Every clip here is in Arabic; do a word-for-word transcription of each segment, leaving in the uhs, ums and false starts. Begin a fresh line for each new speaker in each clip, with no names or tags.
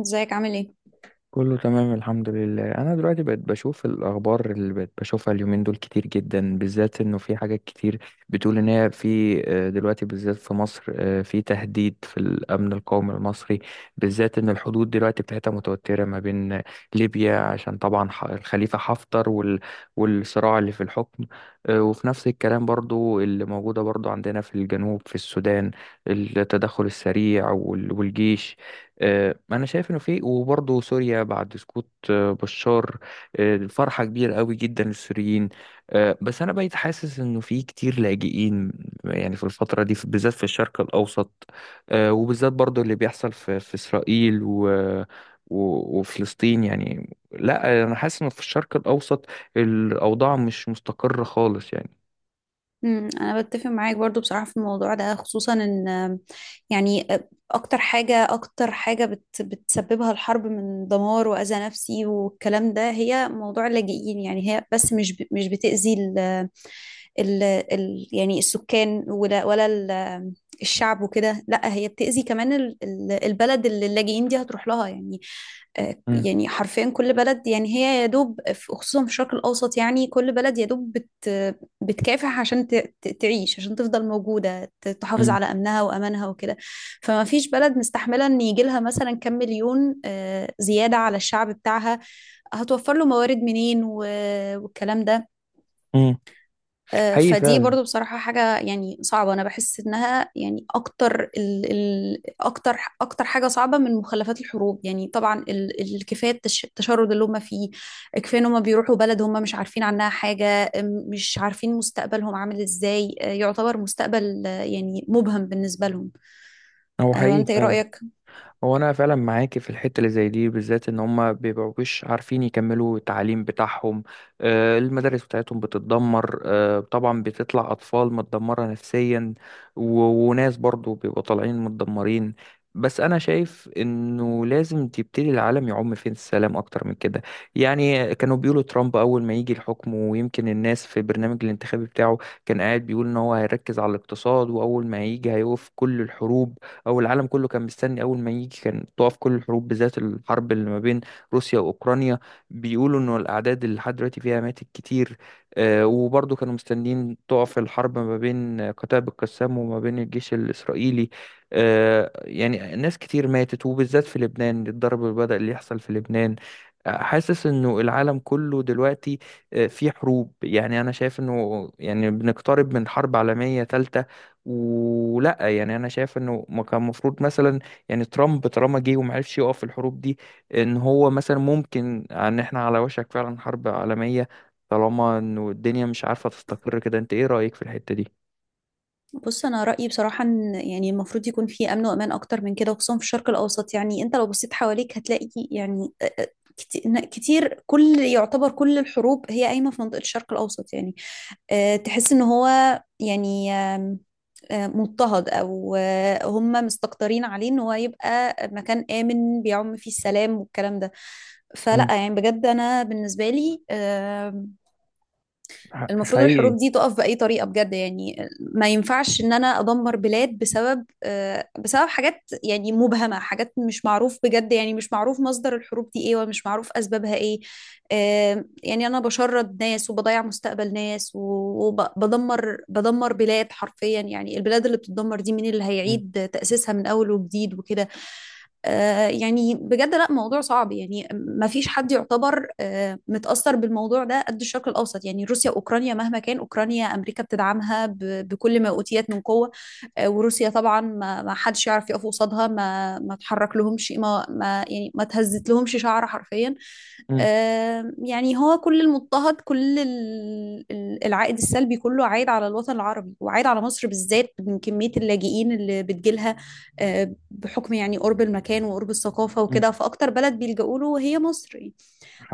ازيك عامل ايه؟
كله تمام، الحمد لله. انا دلوقتي بقيت بشوف الاخبار اللي بقيت بشوفها اليومين دول كتير جدا، بالذات انه في حاجات كتير بتقول ان هي في، آه، دلوقتي بالذات في مصر، آه، في تهديد في الامن القومي المصري، بالذات ان الحدود دلوقتي بتاعتها متوترة ما بين ليبيا، عشان طبعا ح- الخليفة حفتر وال- والصراع اللي في الحكم. آه، وفي نفس الكلام برضو اللي موجودة برضو عندنا في الجنوب في السودان، التدخل السريع وال- والجيش. آه، انا شايف انه في، وبرضه سوريا بعد سقوط آه، بشار. آه، الفرحه كبيره قوي جدا للسوريين. آه، بس انا بقيت حاسس انه في كتير لاجئين يعني في الفتره دي، في- بالذات في الشرق الاوسط. آه، وبالذات برضه اللي بيحصل في في اسرائيل و و- وفلسطين. يعني لا، انا حاسس انه في الشرق الاوسط الاوضاع مش مستقره خالص يعني.
امم انا بتفق معاك برضو بصراحة في الموضوع ده، خصوصا ان آم، يعني آه، اكتر حاجة اكتر حاجة بت بتسببها الحرب من دمار واذى نفسي والكلام ده هي موضوع اللاجئين. يعني هي بس مش ب- مش بتأذي ال ال ال يعني السكان ولا ولا ال- الشعب وكده، لا، هي بتأذي كمان ال- ال- البلد اللي اللاجئين دي هتروح لها يعني. آه،
امم
يعني حرفيا كل بلد، يعني هي يا دوب في- خصوصا في الشرق الأوسط، يعني كل بلد يا دوب بت بتكافح عشان ت- ت- تعيش، عشان تفضل موجودة، ت- تحافظ على أمنها وأمانها وكده. فما فيش بلد مستحملة إن يجي لها مثلا كم مليون آه، زيادة على الشعب بتاعها. هتوفر له موارد منين و- والكلام ده.
امم
آه،
حقيقي
فدي
فعلا.
برضو بصراحة حاجة يعني صعبة. أنا بحس إنها يعني أكتر ال ال أكتر أكتر حاجة صعبة من مخلفات الحروب. يعني طبعا ال الكفاية التش- التشرد اللي هم فيه، كفاية إن هم بيروحوا بلد هم مش عارفين عنها حاجة. أم، مش عارفين مستقبلهم عامل إزاي، آه، يعتبر مستقبل آه، يعني مبهم بالنسبة لهم.
هو
آه،
حقيقي
وأنت إيه
فعلا.
رأيك؟
هو انا فعلا معاكي في الحته اللي زي دي، بالذات ان هم بيبقوش عارفين يكملوا التعليم بتاعهم. آه، المدارس بتاعتهم بتتدمر، آه، طبعا بتطلع اطفال متدمره نفسيا، و- وناس برضو بيبقوا طالعين متدمرين. بس انا شايف انه لازم تبتدي العالم يعم فين السلام اكتر من كده. يعني كانوا بيقولوا ترامب اول ما يجي الحكم، ويمكن الناس في البرنامج الانتخابي بتاعه كان قاعد بيقول ان هو هيركز على الاقتصاد، واول ما هيجي هيوقف كل الحروب. او العالم كله كان مستني اول ما يجي كان تقف كل الحروب، بالذات الحرب اللي ما بين روسيا واوكرانيا. بيقولوا انه الاعداد اللي لحد دلوقتي فيها ماتت كتير. آه، وبرضه كانوا مستنيين تقف الحرب ما بين قتائب القسام وما بين الجيش الاسرائيلي. آه، يعني ناس كتير ماتت، وبالذات في لبنان الضرب اللي بدأ اللي يحصل في لبنان. آه، حاسس انه العالم كله دلوقتي، آه، في حروب. يعني انا شايف انه يعني بنقترب من حرب عالمية تالتة. ولا يعني انا شايف انه ما كان المفروض مثلا يعني ترامب طالما جه وما عرفش يقف في الحروب دي، ان هو مثلا ممكن ان احنا على وشك فعلا حرب عالمية، طالما انه الدنيا مش عارفة تستقر كده. انت ايه رأيك في الحتة دي؟
بص، انا رايي بصراحه ان يعني المفروض يكون في امن وامان اكتر من كده، خصوصا في الشرق الاوسط. يعني انت لو بصيت حواليك هتلاقي يعني آه، آه، كت- ن- كتير، كل يعتبر كل الحروب هي قايمه في منطقه الشرق الاوسط. يعني آه، تحس ان هو يعني آم، آه، مضطهد او آه، هم مستكترين عليه ان هو يبقى مكان امن بيعم فيه السلام والكلام ده. فلا،
مم.
يعني بجد انا بالنسبه لي آمم،
ح-
المفروض
حقيقي.
الحروب دي تقف بأي طريقة، بجد. يعني ما ينفعش ان انا ادمر بلاد بسبب آه، بسبب حاجات يعني مبهمة، حاجات مش معروف، بجد يعني مش معروف مصدر الحروب دي ايه ومش معروف اسبابها ايه. آه، يعني انا بشرد ناس وبضيع مستقبل ناس وبدمر بدمر بلاد حرفيا. يعني البلاد اللي بتتدمر دي مين اللي
مم.
هيعيد تأسيسها من اول وجديد وكده؟ آه، يعني بجد، لا، موضوع صعب. يعني ما فيش حد يعتبر آه، متأثر بالموضوع ده قد الشرق الأوسط. يعني روسيا وأوكرانيا، مهما كان، أوكرانيا أمريكا بتدعمها ب- بكل ما أوتيت من قوة. آه، وروسيا طبعا ما ما حدش يعرف يقف قصادها، ما ما تحرك لهمش، ما ما يعني ما تهزت لهمش شعر حرفيا.
مم.
آه، يعني هو كل المضطهد، كل ال- ال- العائد السلبي كله عايد على الوطن العربي وعايد على مصر بالذات من كمية اللاجئين اللي بتجيلها. آه، بحكم يعني قرب المكان وقرب الثقافة
مم.
وكده، فأكتر بلد بيلجأوا له هي مصر يعني.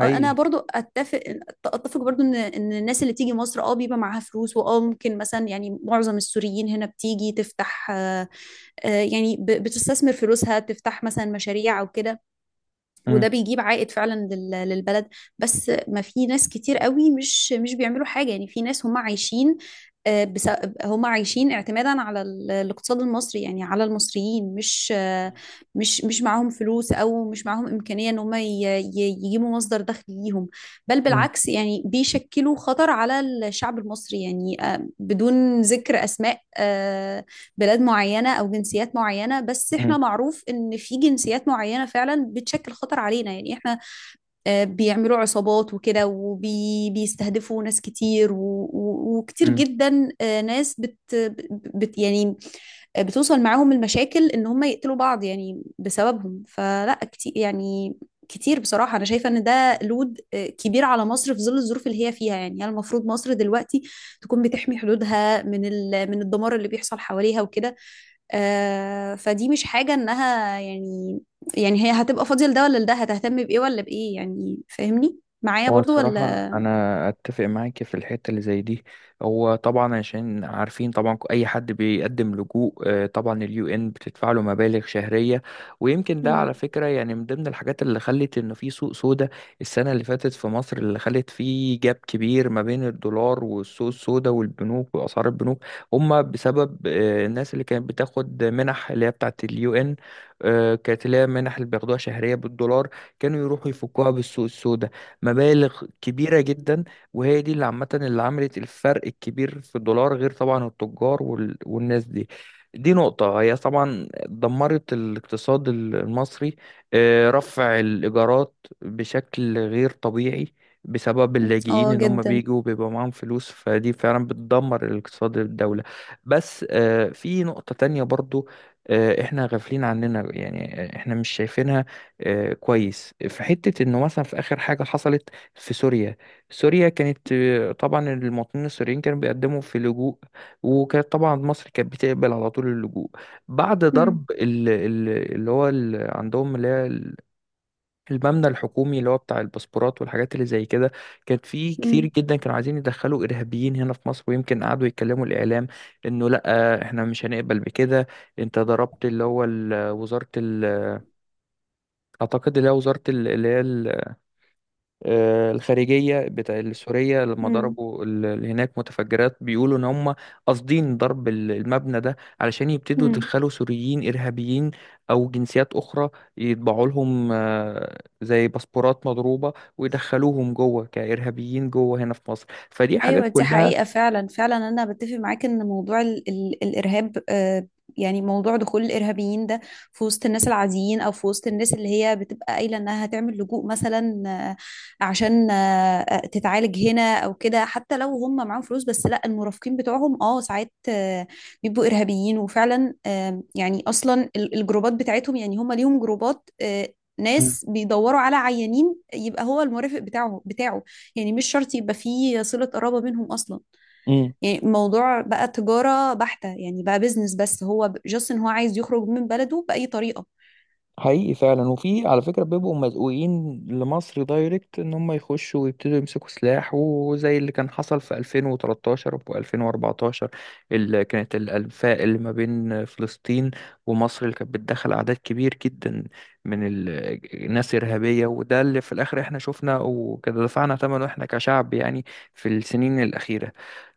آه، أنا برضو أتفق أتفق برضو إن إن الناس اللي تيجي مصر أه بيبقى معاها فلوس، وأه ممكن مثلا يعني معظم السوريين هنا بتيجي تفتح، آه، آه، يعني ب- بتستثمر فلوسها، تفتح مثلا مشاريع أو كده،
مم.
وده بيجيب عائد فعلا لل- للبلد. بس ما في ناس كتير قوي مش مش بيعملوا حاجة. يعني في ناس هم عايشين، آه، بس هم عايشين اعتمادا على ال- الاقتصاد المصري، يعني على المصريين. مش آه، مش مش معاهم فلوس، او مش معاهم امكانيه ان هم ي- ي- يجيبوا مصدر دخل ليهم. بل
مم.
بالعكس، يعني بيشكلوا خطر على الشعب المصري. يعني آه، بدون ذكر اسماء آه، بلاد معينة أو جنسيات معينة، بس
مم.
إحنا معروف إن في جنسيات معينة فعلا بتشكل خطر علينا. يعني إحنا آه، بيعملوا عصابات وكده، وبيستهدفوا ناس كتير، و- و- وكتير
مم.
جدا آه، ناس بت, بت يعني آه، بتوصل معاهم المشاكل ان هم يقتلوا بعض يعني بسببهم. فلا، كتير يعني، كتير بصراحة أنا شايفة إن ده لود آه، كبير على مصر في ظل الظروف اللي هي فيها. يعني هي المفروض مصر دلوقتي تكون بتحمي حدودها من ال... من الدمار اللي بيحصل حواليها وكده. آه، فدي مش حاجة إنها يعني، يعني هي هتبقى فاضية لده ولا لده، هتهتم بإيه ولا بإيه يعني؟ فاهمني معايا
هو
برضو
الصراحة
ولا؟
أنا أتفق معاك في الحتة اللي زي دي. هو طبعا عشان عارفين طبعا أي حد بيقدم لجوء، آه، طبعا اليو إن بتدفع له مبالغ شهرية. ويمكن ده على
مم.
فكرة يعني من ضمن الحاجات اللي خلت إن في سوق سودا السنة اللي فاتت في مصر، اللي خلت فيه جاب كبير ما بين الدولار والسوق السودا والبنوك وأسعار البنوك. هما بسبب آه، الناس اللي كانت بتاخد منح اللي هي بتاعت اليو إن، آه، كانت اللي هي منح اللي بياخدوها شهرية بالدولار، كانوا يروحوا يفكوها بالسوق السودا، مبالغ كبيرة جدا. وهي دي اللي عامة اللي عملت الفرق الكبير في الدولار، غير طبعا التجار وال... والناس دي. دي نقطة هي طبعا دمرت الاقتصاد المصري. آه، رفع الإيجارات بشكل غير طبيعي بسبب اللاجئين،
اه،
ان هم
جدا.
بيجوا بيبقى معاهم فلوس، فدي فعلا بتدمر الاقتصاد الدولة. بس آه، في نقطة تانية برضو، آه، احنا غافلين عننا يعني احنا مش شايفينها. آه، كويس في حتة انه مثلا في اخر حاجة حصلت في سوريا. سوريا كانت، آه، طبعا المواطنين السوريين كانوا بيقدموا في لجوء، وكانت طبعا مصر كانت بتقبل على طول اللجوء. بعد
مم.
ضرب ال- ال- اللي هو ال- عندهم اللي هي ال- المبنى الحكومي اللي هو بتاع الباسبورات والحاجات اللي زي كده، كانت في كتير
مم.
جدا كانوا عايزين يدخلوا ارهابيين هنا في مصر. ويمكن قعدوا يتكلموا الاعلام انه لا، آه، احنا مش هنقبل بكده. انت ضربت اللي هو ال- وزارة ال- اعتقد اللي هي وزارة ال- اللي هي آه، الخارجية بتاع السورية، لما
مم.
ضربوا ال- اللي هناك متفجرات. بيقولوا إن هم قاصدين ضرب ال- المبنى ده علشان يبتدوا
مم.
يدخلوا سوريين إرهابيين أو جنسيات أخرى، يطبعوا لهم آه، زي باسبورات مضروبة ويدخلوهم جوه كإرهابيين جوه هنا في مصر. فدي حاجات
ايوه، دي
كلها.
حقيقة فعلا، فعلا انا بتفق معاك ان موضوع ال ال الارهاب، آه، يعني موضوع دخول الارهابيين ده في وسط الناس العاديين، او في وسط الناس اللي هي بتبقى قايلة انها هتعمل لجوء مثلا، آه، عشان آه، آه، تتعالج هنا او كده. حتى لو هم معاهم فلوس، بس لا، المرافقين بتوعهم اه ساعات آه، بيبقوا ارهابيين. وفعلا آه، يعني اصلا ال- الجروبات بتاعتهم، يعني هم ليهم جروبات آه، ناس بيدوروا على عيانين، يبقى هو المرافق بتاعه بتاعه يعني مش شرط يبقى فيه صلة قرابة بينهم أصلا.
مم.
يعني الموضوع بقى تجارة بحتة، يعني بقى بيزنس، بس هو جاست إن هو عايز يخرج من بلده بأي طريقة.
حقيقي فعلا. وفي على فكرة بيبقوا مزقوقين لمصر دايركت ان هم يخشوا ويبتدوا يمسكوا سلاح، وزي اللي كان حصل في ألفين وثلاثة عشر و2014. اللي كانت الانفاق اللي ما بين فلسطين ومصر اللي كانت بتدخل اعداد كبير جدا من ال- الناس ارهابية. وده اللي في الاخر احنا شفنا وكده دفعنا ثمنه احنا كشعب يعني في السنين الاخيرة.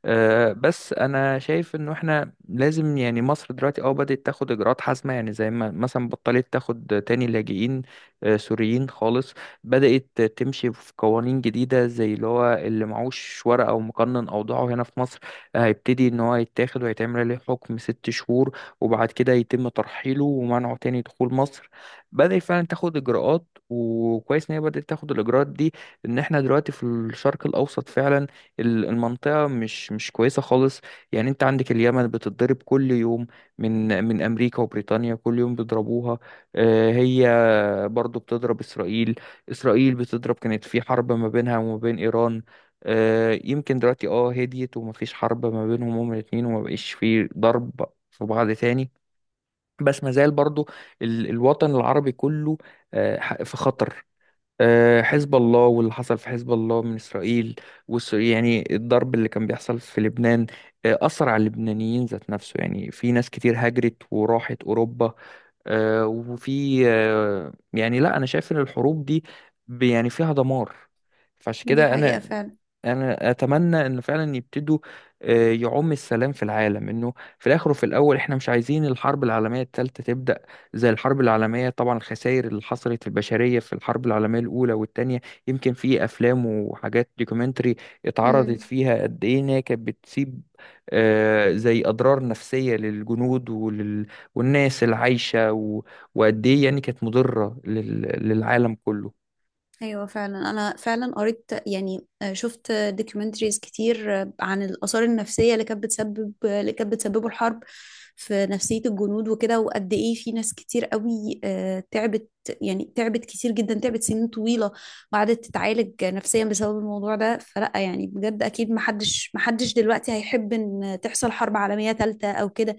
آه، بس انا شايف انه احنا لازم يعني مصر دلوقتي اه بدأت تاخد اجراءات حازمه. يعني زي ما مثلا بطلت تاخد تاني لاجئين آه، سوريين خالص. بدأت تمشي في قوانين جديده، زي اللي هو اللي معهوش ورقه او مقنن اوضاعه هنا في مصر، آه، هيبتدي ان هو يتاخد ويتعمل عليه حكم ست شهور وبعد كده يتم ترحيله ومنعه تاني دخول مصر. بدأت فعلا تاخد اجراءات، وكويس ان هي بدأت تاخد الاجراءات دي. ان احنا دلوقتي في الشرق الاوسط فعلا ال- المنطقة مش مش كويسة خالص. يعني انت عندك اليمن بتتضرب كل يوم من من امريكا وبريطانيا، كل يوم بيضربوها. آه، هي برضو بتضرب اسرائيل. اسرائيل بتضرب، كانت في حرب ما بينها وما بين ايران. آه، يمكن دلوقتي اه هديت ومفيش حرب ما بينهم هما الاتنين، وما بقيش في ضرب في بعض تاني. بس ما زال برضو ال- الوطن العربي كله آه، ح- في خطر. آه، حزب الله واللي حصل في حزب الله من إسرائيل، والس- يعني الضرب اللي كان بيحصل في لبنان آه، أثر على اللبنانيين ذات نفسه. يعني في ناس كتير هاجرت وراحت أوروبا. آه، وفي آه، يعني لا، أنا شايف إن الحروب دي ب- يعني فيها دمار. فعشان
دي
كده
حقيقة
أنا
فعلا.
انا اتمنى ان فعلا يبتدوا آه، يعم السلام في العالم. انه في الاخر وفي الاول احنا مش عايزين الحرب العالميه الثالثه تبدا. زي الحرب العالميه طبعا الخسائر اللي حصلت في البشريه في الحرب العالميه الاولى والثانيه، يمكن في افلام وحاجات دوكيومنتري اتعرضت
مم.
فيها قد ايه ان هي كانت بتسيب آه، زي اضرار نفسيه للجنود ولل... والناس العايشه و... وقد ايه يعني كانت مضره لل... للعالم كله.
ايوه، فعلا. انا فعلا قريت، يعني آه، شفت دوكيومنتريز كتير آه، عن الاثار النفسيه اللي كانت بتسبب، اللي كانت بتسببه الحرب في نفسيه الجنود وكده، وقد ايه في ناس كتير قوي آه، تعبت، يعني تعبت كتير جدا، تعبت سنين طويله وقعدت تتعالج نفسيا بسبب الموضوع ده. فلا، يعني بجد، اكيد محدش محدش دلوقتي هيحب ان تحصل حرب عالميه ثالثه او كده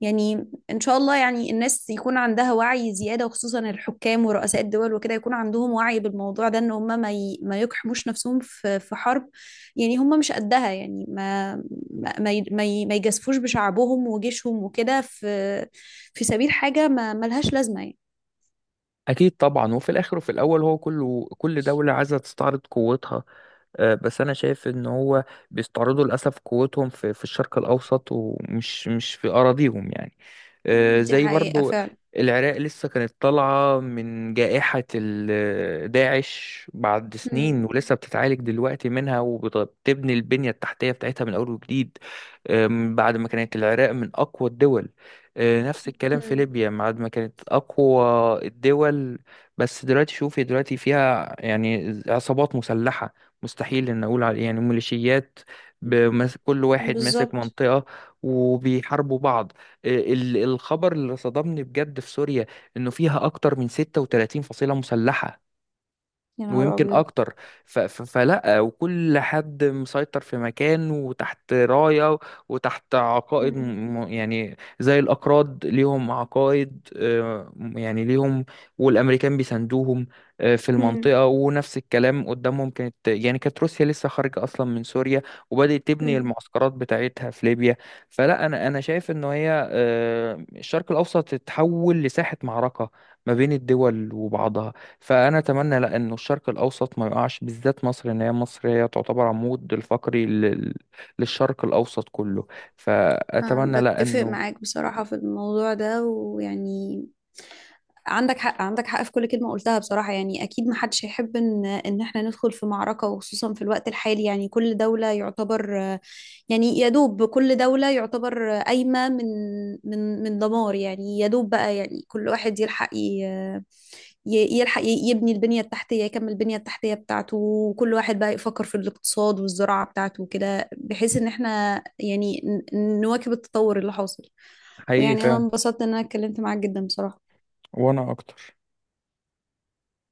يعني. ان شاء الله يعني الناس يكون عندها وعي زيادة، وخصوصا الحكام ورؤساء الدول وكده، يكون عندهم وعي بالموضوع ده، ان هم ما ي... ما يقحموش نفسهم في في حرب، يعني هم مش قدها. يعني ما ما ما ي... ما ي- ما يجازفوش بشعبهم وجيشهم وكده في في سبيل حاجة ما ملهاش لازمة يعني.
أكيد طبعا، وفي الآخر وفي الأول هو كله كل دولة عايزة تستعرض قوتها. آه، بس انا شايف ان هو بيستعرضوا للاسف قوتهم في في الشرق الاوسط، ومش مش في اراضيهم يعني. آه،
دي
زي
حقيقة
برضو
فعلا.
العراق لسه كانت طالعة من جائحة ال- داعش بعد
مم.
سنين، ولسه بتتعالج دلوقتي منها وبتبني البنية التحتية بتاعتها من أول وجديد. آم، بعد ما كانت العراق من أقوى الدول. آه، نفس الكلام في
مم.
ليبيا بعد ما كانت أقوى الدول. بس دلوقتي شوفي دلوقتي فيها يعني عصابات مسلحة، مستحيل ان اقول على يعني ميليشيات، بمس- كل واحد ماسك
بالظبط.
منطقة وبيحاربوا بعض. آه، ال- الخبر اللي صدمني بجد في سوريا انه فيها اكتر من ستة وتلاتين فصيلة مسلحة،
يا نهار
ويمكن
أبيض.
اكتر. ف... ف... فلا، وكل حد مسيطر في مكان وتحت راية وتحت عقائد، م...
مم.
م- يعني زي الاكراد ليهم عقائد، آه، يعني ليهم، والامريكان بيساندوهم آه، في
مم.
المنطقة. ونفس الكلام قدامهم، كانت يعني كانت روسيا لسه خارجة اصلا من سوريا وبدأت تبني
مم.
المعسكرات بتاعتها في ليبيا. فلا انا انا شايف ان هي آه، الشرق الاوسط اتحول لساحة معركة ما بين الدول وبعضها. فانا اتمنى لا، انه الشرق الاوسط ما يقعش، بالذات مصر، ان هي مصر هي تعتبر عمود الفقري لل... للشرق الاوسط كله.
آه،
فاتمنى لا
بتفق
انه
معاك بصراحة في الموضوع ده. ويعني عندك حق، عندك حق في كل كلمة قلتها بصراحة. يعني أكيد محدش هيحب إن إن إحنا ندخل في معركة، وخصوصا في الوقت الحالي. يعني كل دولة يعتبر، يعني يا دوب كل دولة يعتبر قايمة من من من دمار، يعني يا دوب بقى. يعني كل واحد يلحق ي- ي- يلحق ي- يبني البنية التحتية، يكمل البنية التحتية بتاعته، وكل واحد بقى يفكر في الاقتصاد والزراعة بتاعته وكده، بحيث إن إحنا يعني ن- نواكب التطور اللي حاصل.
حقيقي
ويعني أنا
فعلا.
انبسطت إن أنا اتكلمت معاك جدا بصراحة.
وانا اكتر.